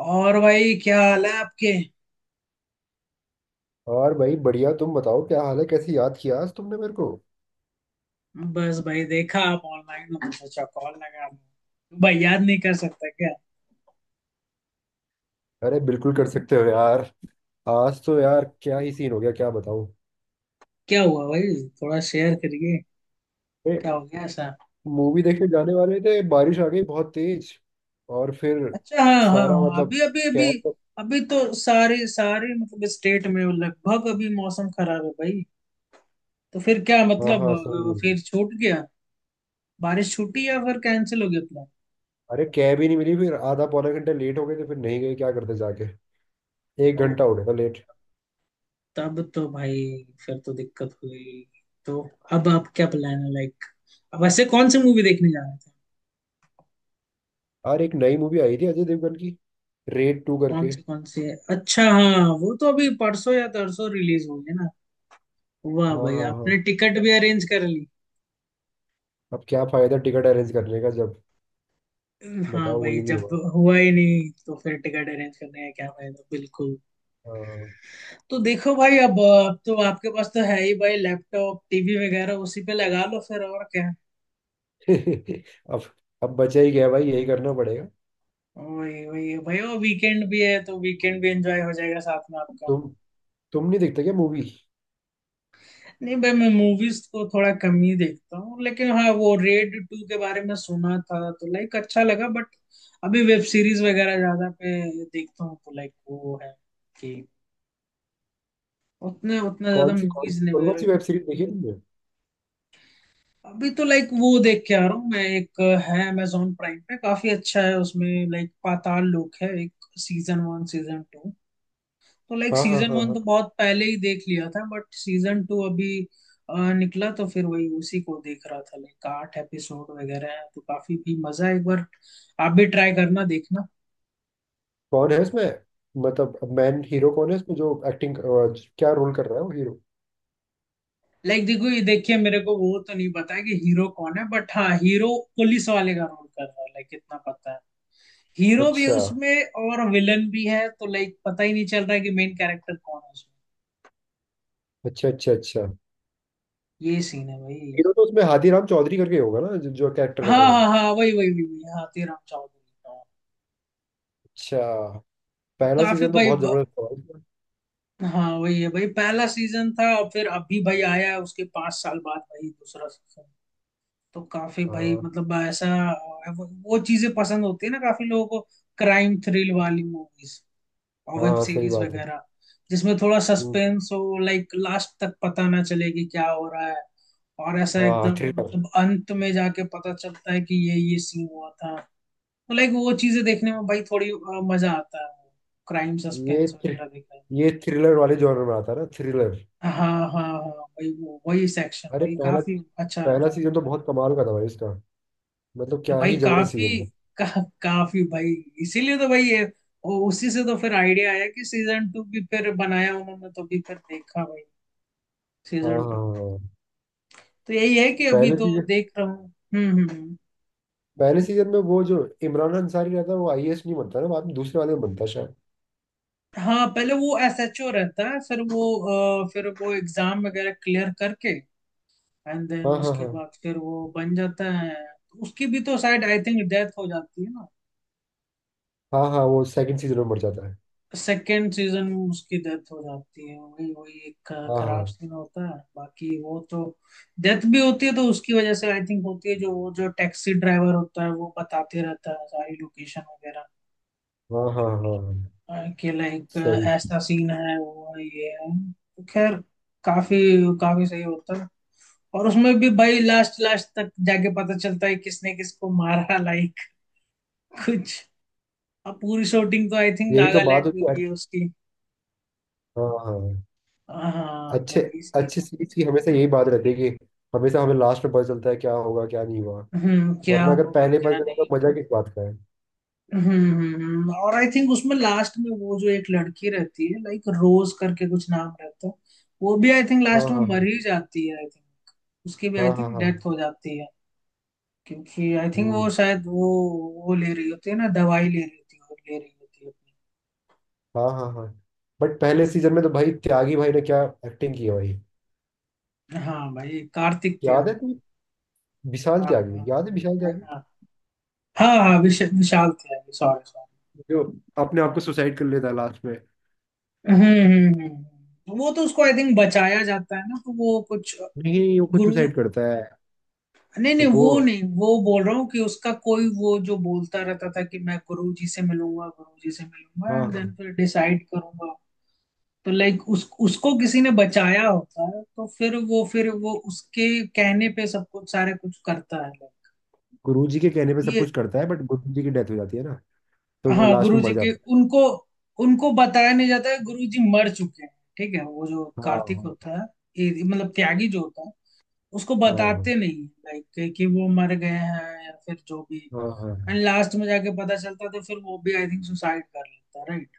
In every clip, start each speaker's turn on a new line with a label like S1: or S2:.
S1: और भाई, क्या हाल है आपके?
S2: और भाई बढ़िया। तुम बताओ, क्या हाल है? कैसे याद किया आज तुमने मेरे को?
S1: बस भाई, देखा आप ऑनलाइन हो तो सोचा कॉल लगा लूं। भाई याद नहीं कर सकता क्या?
S2: अरे बिल्कुल कर सकते हो यार। आज तो यार क्या ही
S1: बिल्कुल।
S2: सीन हो गया, क्या बताऊं।
S1: क्या हुआ भाई? थोड़ा शेयर करिए।
S2: ए,
S1: क्या हो गया ऐसा?
S2: मूवी देखने जाने वाले थे, बारिश आ गई बहुत तेज। और फिर
S1: अच्छा, हाँ हाँ
S2: सारा
S1: हाँ,
S2: मतलब
S1: अभी अभी अभी।
S2: कैब।
S1: अभी तो सारी सारी मतलब स्टेट में लगभग अभी मौसम खराब है भाई। तो फिर क्या
S2: हाँ
S1: मतलब,
S2: हाँ, सही बोल रहे हो।
S1: फिर छूट गया। बारिश छूटी या फिर कैंसिल हो गया प्लान?
S2: अरे कैब ही नहीं मिली, फिर आधा पौना घंटा लेट हो गए थे, फिर नहीं गए, क्या करते जाके। 1 घंटा हो गया था लेट।
S1: तब तो भाई फिर तो दिक्कत हुई तो। अब आप क्या प्लान है, लाइक, अब ऐसे कौन से मूवी देखने जा रहे थे?
S2: और एक नई मूवी आई थी अजय देवगन की, रेड 2
S1: कौन
S2: करके।
S1: से कौन से? अच्छा हाँ, वो तो अभी परसों या तरसों रिलीज होंगे ना। वाह
S2: हाँ
S1: भाई,
S2: हाँ
S1: आपने
S2: हाँ।
S1: टिकट भी अरेंज कर ली!
S2: अब क्या फायदा टिकट अरेंज करने का जब,
S1: हाँ
S2: बताओ,
S1: भाई,
S2: वही नहीं
S1: जब
S2: हुआ।
S1: हुआ ही नहीं तो फिर टिकट अरेंज करने का क्या फायदा, बिल्कुल।
S2: हाँ।
S1: तो देखो भाई, अब तो आपके पास तो है ही भाई, लैपटॉप टीवी वगैरह, उसी पे लगा लो फिर, और क्या।
S2: अब अब बचा ही गया भाई, यही करना पड़ेगा।
S1: वही वही भाई, वो वीकेंड भी है तो वीकेंड भी एंजॉय हो जाएगा साथ में आपका।
S2: तुम तुम नहीं देखते क्या मूवी?
S1: नहीं भाई, मैं मूवीज को थोड़ा कम ही देखता हूँ, लेकिन हाँ वो रेड टू के बारे में सुना था तो लाइक अच्छा लगा, बट अभी वेब सीरीज वगैरह ज्यादा पे देखता हूँ तो लाइक वो है कि उतने उतना ज्यादा
S2: कौन सी कौन
S1: मूवीज नहीं
S2: कौन कौन
S1: वगैरह।
S2: सी वेब सीरीज देखी है तुमने?
S1: अभी तो लाइक वो देख के आ रहा हूँ मैं, एक है, अमेजोन प्राइम पे काफी अच्छा है उसमें, लाइक पाताल लोक है एक, सीजन वन सीजन टू। तो लाइक
S2: हाँ हाँ
S1: सीजन
S2: हाँ
S1: वन तो
S2: हाँ।
S1: बहुत पहले ही देख लिया था बट सीजन टू अभी निकला तो फिर वही उसी को देख रहा था। लाइक 8 एपिसोड वगैरह हैं तो काफी भी मजा है, एक बार आप भी ट्राई करना, देखना।
S2: कौन है उसमें? मतलब मैन हीरो कौन है उसमें, जो एक्टिंग, क्या रोल कर रहा है वो हीरो?
S1: लाइक देखो, ये देखिए, मेरे को वो तो नहीं पता है कि हीरो कौन है, बट हाँ हीरो पुलिस वाले का रोल कर रहा है, लाइक इतना पता है। हीरो भी है
S2: अच्छा
S1: उसमें और विलन भी है तो लाइक पता ही नहीं चल रहा है कि मेन कैरेक्टर कौन है उसमें।
S2: अच्छा अच्छा। अच्छा,
S1: ये सीन है भाई।
S2: हीरो तो उसमें हाथीराम चौधरी करके होगा ना, जो, जो कैरेक्टर
S1: हाँ
S2: का नाम।
S1: हाँ हाँ, वही वही वही वही, हाँ, तेराम चौधरी का।
S2: अच्छा।
S1: तो
S2: पहला
S1: काफी
S2: सीजन तो
S1: भाई।
S2: बहुत जबरदस्त था भाई।
S1: हाँ वही है भाई, पहला सीजन था और फिर अभी भाई आया है उसके 5 साल बाद भाई, दूसरा सीजन। तो काफी भाई,
S2: हाँ
S1: मतलब ऐसा वो चीजें पसंद होती है ना काफी लोगों को, क्राइम थ्रिल वाली मूवीज और वेब
S2: हाँ, सही
S1: सीरीज
S2: बात है।
S1: वगैरह, जिसमें थोड़ा
S2: हम्म।
S1: सस्पेंस हो, लाइक लास्ट तक पता ना चले कि क्या हो रहा है। और ऐसा
S2: हाँ
S1: एकदम
S2: थ्रिलर।
S1: मतलब अंत में जाके पता चलता है कि ये सीन हुआ था। तो लाइक वो चीजें देखने में भाई थोड़ी मजा आता है, क्राइम
S2: ये
S1: सस्पेंस
S2: थ्रि,
S1: वगैरह देखने में।
S2: ये थ्रिलर वाले जॉनर में आता है ना, थ्रिलर।
S1: हाँ हाँ हाँ, वही सेक्शन
S2: अरे
S1: भाई
S2: पहला
S1: काफी अच्छा
S2: पहला
S1: रहता
S2: सीजन तो बहुत कमाल का था भाई इसका, मतलब
S1: है
S2: क्या
S1: भाई,
S2: ही जबरदस्त
S1: काफी
S2: सीजन था।
S1: का, काफी भाई। इसीलिए तो भाई ये, और उसी से तो फिर आइडिया आया कि सीजन टू भी फिर बनाया उन्होंने, तो भी फिर देखा भाई
S2: हाँ
S1: सीजन
S2: हाँ
S1: टू।
S2: हाँ।
S1: तो यही है कि अभी
S2: पहले
S1: तो
S2: सीजन
S1: देख रहा हूँ। हम्म हम्म हम्म,
S2: पहले
S1: बोलिए।
S2: सीजन में वो जो इमरान अंसारी रहता है, वो आईएएस नहीं बनता ना, बाद में दूसरे वाले में बनता है शायद।
S1: हाँ, पहले वो एसएचओ रहता है, फिर वो एग्जाम वगैरह क्लियर करके एंड देन
S2: हाँ हाँ
S1: उसके
S2: हाँ
S1: बाद फिर वो बन जाता है। उसकी भी तो शायद आई थिंक डेथ हो जाती है।
S2: हाँ। हाँ, वो सेकंड सीजन में मर जाता है।
S1: सेकेंड सीजन में उसकी डेथ हो जाती है, वही वही, एक
S2: हाँ
S1: खराब
S2: हाँ
S1: सीन होता है, बाकी वो तो डेथ भी होती है तो उसकी वजह से आई थिंक होती है, जो वो जो टैक्सी ड्राइवर होता है वो बताते रहता है सारी लोकेशन वगैरह।
S2: हाँ हाँ हाँ हाँ।
S1: कि लाइक
S2: सही।
S1: ऐसा सीन है, वो है, ये है, तो खैर काफी काफी सही होता है। और उसमें भी भाई लास्ट लास्ट तक जाके पता चलता है किसने किसको मारा लाइक कुछ। अब पूरी शूटिंग तो आई थिंक
S2: यही तो बात
S1: नागालैंड में
S2: होती है।
S1: हुई है उसकी।
S2: हाँ हाँ।
S1: हाँ तो
S2: अच्छे,
S1: वही सीन।
S2: अच्छे सीरीज की हमेशा यही बात रहती है कि हमेशा हमें लास्ट में पता चलता है क्या होगा, क्या नहीं हुआ।
S1: हम्म, क्या
S2: वरना अगर
S1: होगा
S2: पहले पता
S1: क्या
S2: चला
S1: नहीं।
S2: तो मजा किस बात का है।
S1: और आई थिंक उसमें लास्ट में वो जो एक लड़की रहती है, लाइक रोज करके कुछ नाम रहता है, वो भी आई थिंक
S2: हाँ
S1: लास्ट में
S2: हाँ
S1: मर
S2: हाँ
S1: ही जाती है, आई थिंक। उसकी भी
S2: हाँ
S1: आई
S2: हाँ
S1: थिंक
S2: हाँ।
S1: डेथ हो जाती है। क्योंकि आई थिंक वो
S2: हम्म।
S1: शायद वो ले रही होती है ना दवाई, ले रही होती है और ले रही होती है अपनी।
S2: हाँ हाँ हाँ। बट पहले सीजन में तो भाई त्यागी भाई ने क्या एक्टिंग की है भाई।
S1: हाँ भाई कार्तिक
S2: याद है
S1: त्यागी।
S2: तुम्हें? विशाल
S1: हाँ
S2: त्यागी,
S1: हाँ।
S2: याद है विशाल
S1: हाँ
S2: त्यागी,
S1: हाँ। हाँ हाँ, विशाल त्यागी, सॉरी सॉरी।
S2: जो अपने आप को सुसाइड कर लेता है लास्ट में।
S1: हम्म हम्म हम्म, वो तो उसको आई थिंक बचाया जाता है ना, तो वो कुछ,
S2: नहीं, वो खुद
S1: गुरु।
S2: सुसाइड करता है।
S1: नहीं नहीं,
S2: तो वो,
S1: वो नहीं, वो बोल रहा हूँ कि उसका कोई वो, जो बोलता रहता था कि मैं गुरु जी से मिलूंगा, गुरु जी से मिलूंगा,
S2: हाँ
S1: एंड
S2: हाँ,
S1: देन फिर डिसाइड करूंगा। तो लाइक उस उसको किसी ने बचाया होता है, तो फिर वो उसके कहने पे सब कुछ सारे कुछ करता है।
S2: गुरु जी के कहने पे सब
S1: ये,
S2: कुछ करता है, बट गुरु जी की डेथ हो जाती है ना, तो वो
S1: हाँ
S2: लास्ट
S1: गुरु
S2: में
S1: जी
S2: मर
S1: के,
S2: जाता
S1: उनको, उनको बताया नहीं जाता है गुरु जी मर चुके हैं। ठीक है, वो जो
S2: है। हाँ
S1: कार्तिक
S2: हाँ
S1: होता है, मतलब त्यागी जो होता है, उसको
S2: हाँ
S1: बताते नहीं लाइक कि वो मर गए हैं या फिर जो भी।
S2: हाँ हाँ हाँ।
S1: एंड लास्ट में जाके पता चलता तो फिर वो भी आई थिंक सुसाइड कर लेता, राइट।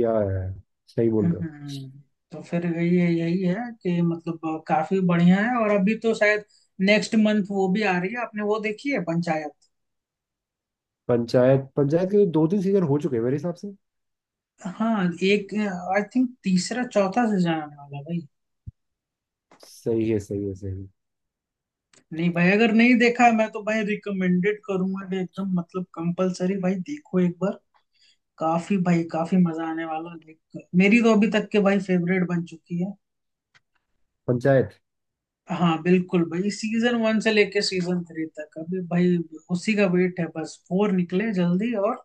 S2: या है, सही बोल रहे हो।
S1: हम्म। तो फिर यही है कि मतलब, काफी बढ़िया है। और अभी तो शायद नेक्स्ट मंथ वो भी आ रही है, आपने वो देखी है पंचायत?
S2: पंचायत, पंचायत के दो तीन सीजन हो चुके हैं मेरे हिसाब से।
S1: हाँ एक, आई थिंक तीसरा चौथा सीजन आने वाला है भाई।
S2: सही है सही है सही है।
S1: नहीं भाई, अगर नहीं देखा है, मैं तो भाई रिकमेंडेड करूंगा कि एकदम मतलब कंपलसरी भाई देखो एक बार, काफी भाई, काफी मजा आने वाला है देख कर। मेरी तो अभी तक के भाई फेवरेट बन चुकी है।
S2: पंचायत।
S1: हाँ बिल्कुल भाई, सीजन वन से लेके सीजन थ्री तक अभी भाई, उसी का वेट है, बस फोर निकले जल्दी और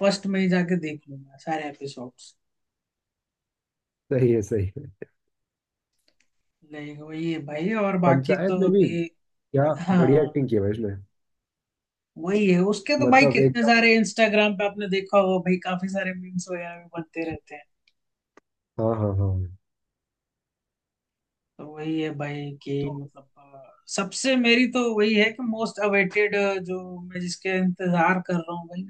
S1: फर्स्ट में ही जाके देख लूंगा सारे एपिसोड्स।
S2: सही है सही है।
S1: लाइक वही है भाई, और बाकी
S2: पंचायत
S1: तो
S2: में भी
S1: अभी।
S2: क्या बढ़िया
S1: हाँ
S2: एक्टिंग की है भाई उसने।
S1: वही है, उसके तो भाई
S2: मतलब
S1: कितने
S2: एकदम।
S1: सारे, इंस्टाग्राम पे आपने देखा होगा भाई, काफी सारे मीम्स वगैरह भी बनते रहते हैं।
S2: हाँ हाँ हाँ।
S1: तो वही है भाई कि
S2: तो
S1: मतलब, सबसे मेरी तो वही है कि मोस्ट अवेटेड, जो मैं जिसके इंतजार कर रहा हूँ भाई।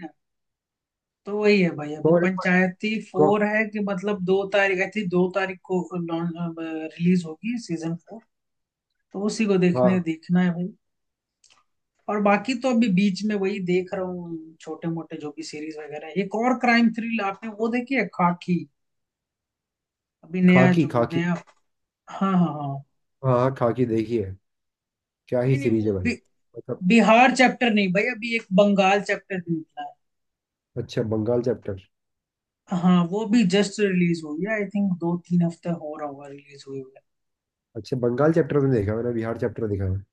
S1: तो वही है भाई, अभी
S2: कौन
S1: पंचायती
S2: कौन।
S1: फोर है कि मतलब 2 तारीख आई थी, 2 तारीख को रिलीज होगी सीजन फोर, तो उसी को देखने
S2: हाँ,
S1: देखना है भाई। और बाकी तो अभी बीच में वही देख रहा हूँ छोटे मोटे जो भी सीरीज वगैरह है, एक और क्राइम थ्रिल, आपने वो देखी है खाकी, अभी नया
S2: खाकी
S1: जो
S2: खाकी।
S1: नया? हाँ हाँ हाँ।
S2: हाँ हाँ, खाकी देखी है। क्या ही
S1: नहीं नहीं,
S2: सीरीज
S1: वो
S2: है भाई, मतलब।
S1: बिहार चैप्टर नहीं भाई, अभी एक बंगाल चैप्टर निकला है।
S2: अच्छा, बंगाल चैप्टर।
S1: हाँ वो भी जस्ट रिलीज हुई है, आई थिंक 2-3 हफ्ते हो रहा होगा रिलीज हुई।
S2: अच्छा, बंगाल चैप्टर तो नहीं देखा मैंने, बिहार चैप्टर देखा है।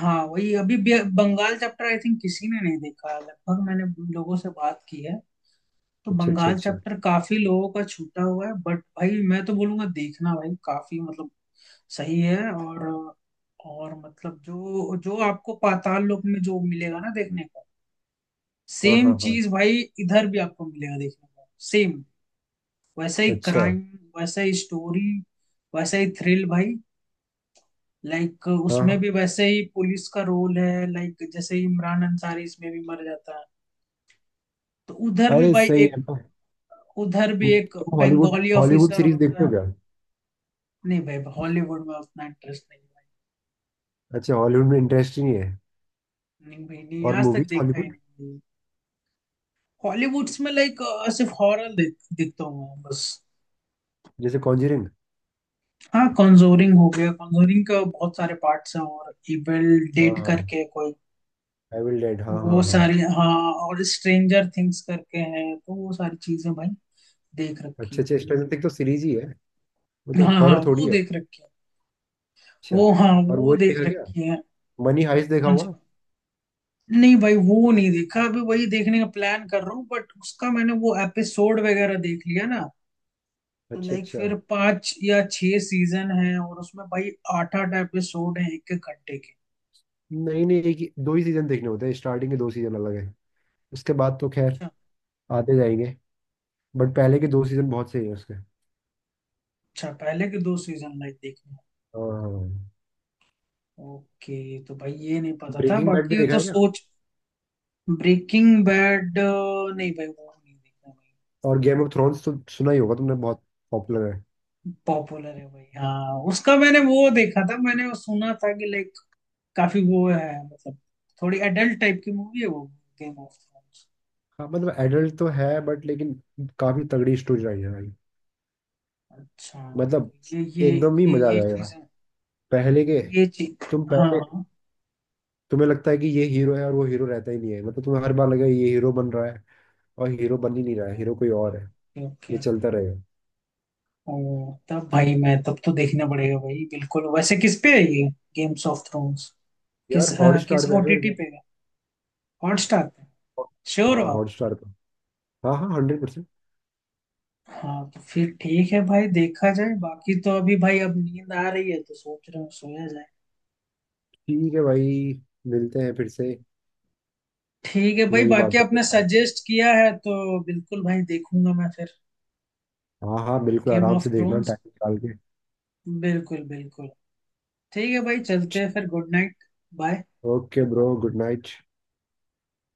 S1: हाँ वही, अभी बंगाल चैप्टर आई थिंक किसी ने नहीं देखा है लगभग, मैंने लोगों से बात की है, तो
S2: अच्छा अच्छा
S1: बंगाल
S2: अच्छा।
S1: चैप्टर काफी लोगों का छूटा हुआ है, बट भाई मैं तो बोलूंगा देखना भाई, काफी मतलब सही है। और मतलब जो जो आपको पाताल लोक में जो मिलेगा ना देखने को,
S2: हाँ
S1: सेम
S2: हाँ हाँ।
S1: चीज भाई इधर भी आपको मिलेगा देखने को, सेम वैसा ही
S2: अच्छा।
S1: क्राइम, वैसा ही स्टोरी, वैसा ही थ्रिल भाई। लाइक
S2: हाँ
S1: उसमें
S2: हाँ।
S1: भी वैसे ही पुलिस का रोल है, लाइक जैसे इमरान अंसारी इसमें भी मर जाता है। तो उधर भी
S2: अरे
S1: भाई
S2: सही
S1: एक,
S2: है। तो
S1: उधर भी एक
S2: तुम Hollywood
S1: Bengali
S2: Hollywood
S1: officer
S2: series
S1: होता
S2: देखते
S1: है।
S2: हो क्या?
S1: नहीं भाई, हॉलीवुड में उतना इंटरेस्ट नहीं है।
S2: अच्छा, हॉलीवुड में इंटरेस्ट ही नहीं है।
S1: भाई नहीं भाई नहीं,
S2: और
S1: आज तक
S2: मूवीज
S1: देखा ही
S2: हॉलीवुड।
S1: नहीं। हॉलीवुड्स में लाइक सिर्फ हॉरर देखता हूँ मैं, बस।
S2: जैसे कॉन्जरिंग।
S1: हाँ, कॉन्जोरिंग हो गया, कॉन्जोरिंग का बहुत सारे पार्ट्स हैं, और इविल
S2: हाँ
S1: डेट
S2: हाँ,
S1: करके कोई,
S2: आई विल डेड,
S1: तो
S2: हाँ
S1: वो
S2: हाँ हाँ।
S1: सारी, हाँ। और स्ट्रेंजर थिंग्स करके हैं, तो वो सारी चीजें भाई देख
S2: अच्छा
S1: रखी।
S2: अच्छा, स्ट्रेंजर थिंग्स तो सीरीज ही है, वो तो
S1: हाँ हाँ,
S2: हॉरर थोड़ी
S1: वो
S2: है।
S1: देख रखी है।
S2: अच्छा।
S1: वो, हाँ
S2: और
S1: वो
S2: वो नहीं
S1: देख
S2: देखा क्या,
S1: रखी है।
S2: मनी हाइस्ट देखा
S1: कौन सी
S2: हुआ?
S1: कौन? नहीं भाई वो नहीं देखा, अभी वही देखने का प्लान कर रहा हूँ, बट उसका मैंने वो एपिसोड वगैरह देख लिया ना,
S2: अच्छा
S1: लाइक
S2: अच्छा।
S1: फिर 5 या 6 सीजन है और उसमें भाई आठ आठ एपिसोड है एक एक घंटे के।
S2: नहीं नहीं, एक ही दो ही सीजन देखने होते हैं, स्टार्टिंग के दो सीजन अलग है, उसके बाद तो खैर
S1: अच्छा
S2: आते जाएंगे। बट पहले के दो सीजन बहुत सही है उसके।
S1: अच्छा, पहले के दो सीजन लाइक देखने
S2: हाँ।
S1: हैं। ओके, तो भाई ये नहीं पता था,
S2: ब्रेकिंग बैड भी
S1: बाकी
S2: देखा
S1: तो
S2: है क्या?
S1: सोच। ब्रेकिंग बैड नहीं भाई, वो नहीं देखा भाई।
S2: और गेम ऑफ थ्रोन्स तो सुना ही होगा तुमने, बहुत पॉपुलर है।
S1: पॉपुलर है भाई, हाँ उसका मैंने वो देखा था, मैंने वो सुना था कि like काफी वो है मतलब, थोड़ी एडल्ट टाइप की मूवी है वो, गेम ऑफ थ्रोन्स।
S2: हाँ, मतलब एडल्ट तो है बट लेकिन काफी तगड़ी स्टोरी लाइन है भाई,
S1: अच्छा,
S2: मतलब
S1: तो ये ये
S2: एकदम ही
S1: ये
S2: मजा आ
S1: ये
S2: जाएगा।
S1: चीजें,
S2: पहले के
S1: ये चीज,
S2: तुम पहले
S1: हाँ,
S2: तुम्हें लगता है कि ये हीरो है और वो हीरो रहता ही नहीं है, मतलब तुम्हें हर बार लगेगा ये हीरो बन रहा है और हीरो बन ही नहीं रहा है, हीरो कोई
S1: ओके
S2: और है, ये
S1: ओके।
S2: चलता रहेगा।
S1: ओ तब भाई, मैं तब तो देखना पड़ेगा भाई, बिल्कुल। वैसे किस पे है ये गेम्स ऑफ थ्रोन्स,
S2: यार
S1: किस
S2: हॉट
S1: अ,
S2: स्टार
S1: किस
S2: पे है मेरे
S1: ओटीटी
S2: को।
S1: पे है? हॉटस्टार पे? श्योर
S2: हाँ,
S1: हो आप?
S2: हॉट स्टार पे। हाँ हाँ, 100%।
S1: हाँ, तो फिर ठीक है भाई, देखा जाए। बाकी तो अभी भाई अब नींद आ रही है तो सोच रहा हूँ सोया जाए।
S2: ठीक है भाई, मिलते हैं फिर से
S1: ठीक है भाई,
S2: नई
S1: बाकी
S2: बातों के
S1: आपने
S2: साथ।
S1: सजेस्ट किया है तो बिल्कुल भाई देखूंगा मैं फिर,
S2: हाँ हाँ बिल्कुल,
S1: गेम
S2: आराम
S1: ऑफ
S2: से देखना
S1: थ्रोन्स,
S2: टाइम निकाल के।
S1: बिल्कुल बिल्कुल। ठीक है भाई, चलते हैं फिर, good night. Bye.
S2: Okay bro, good night.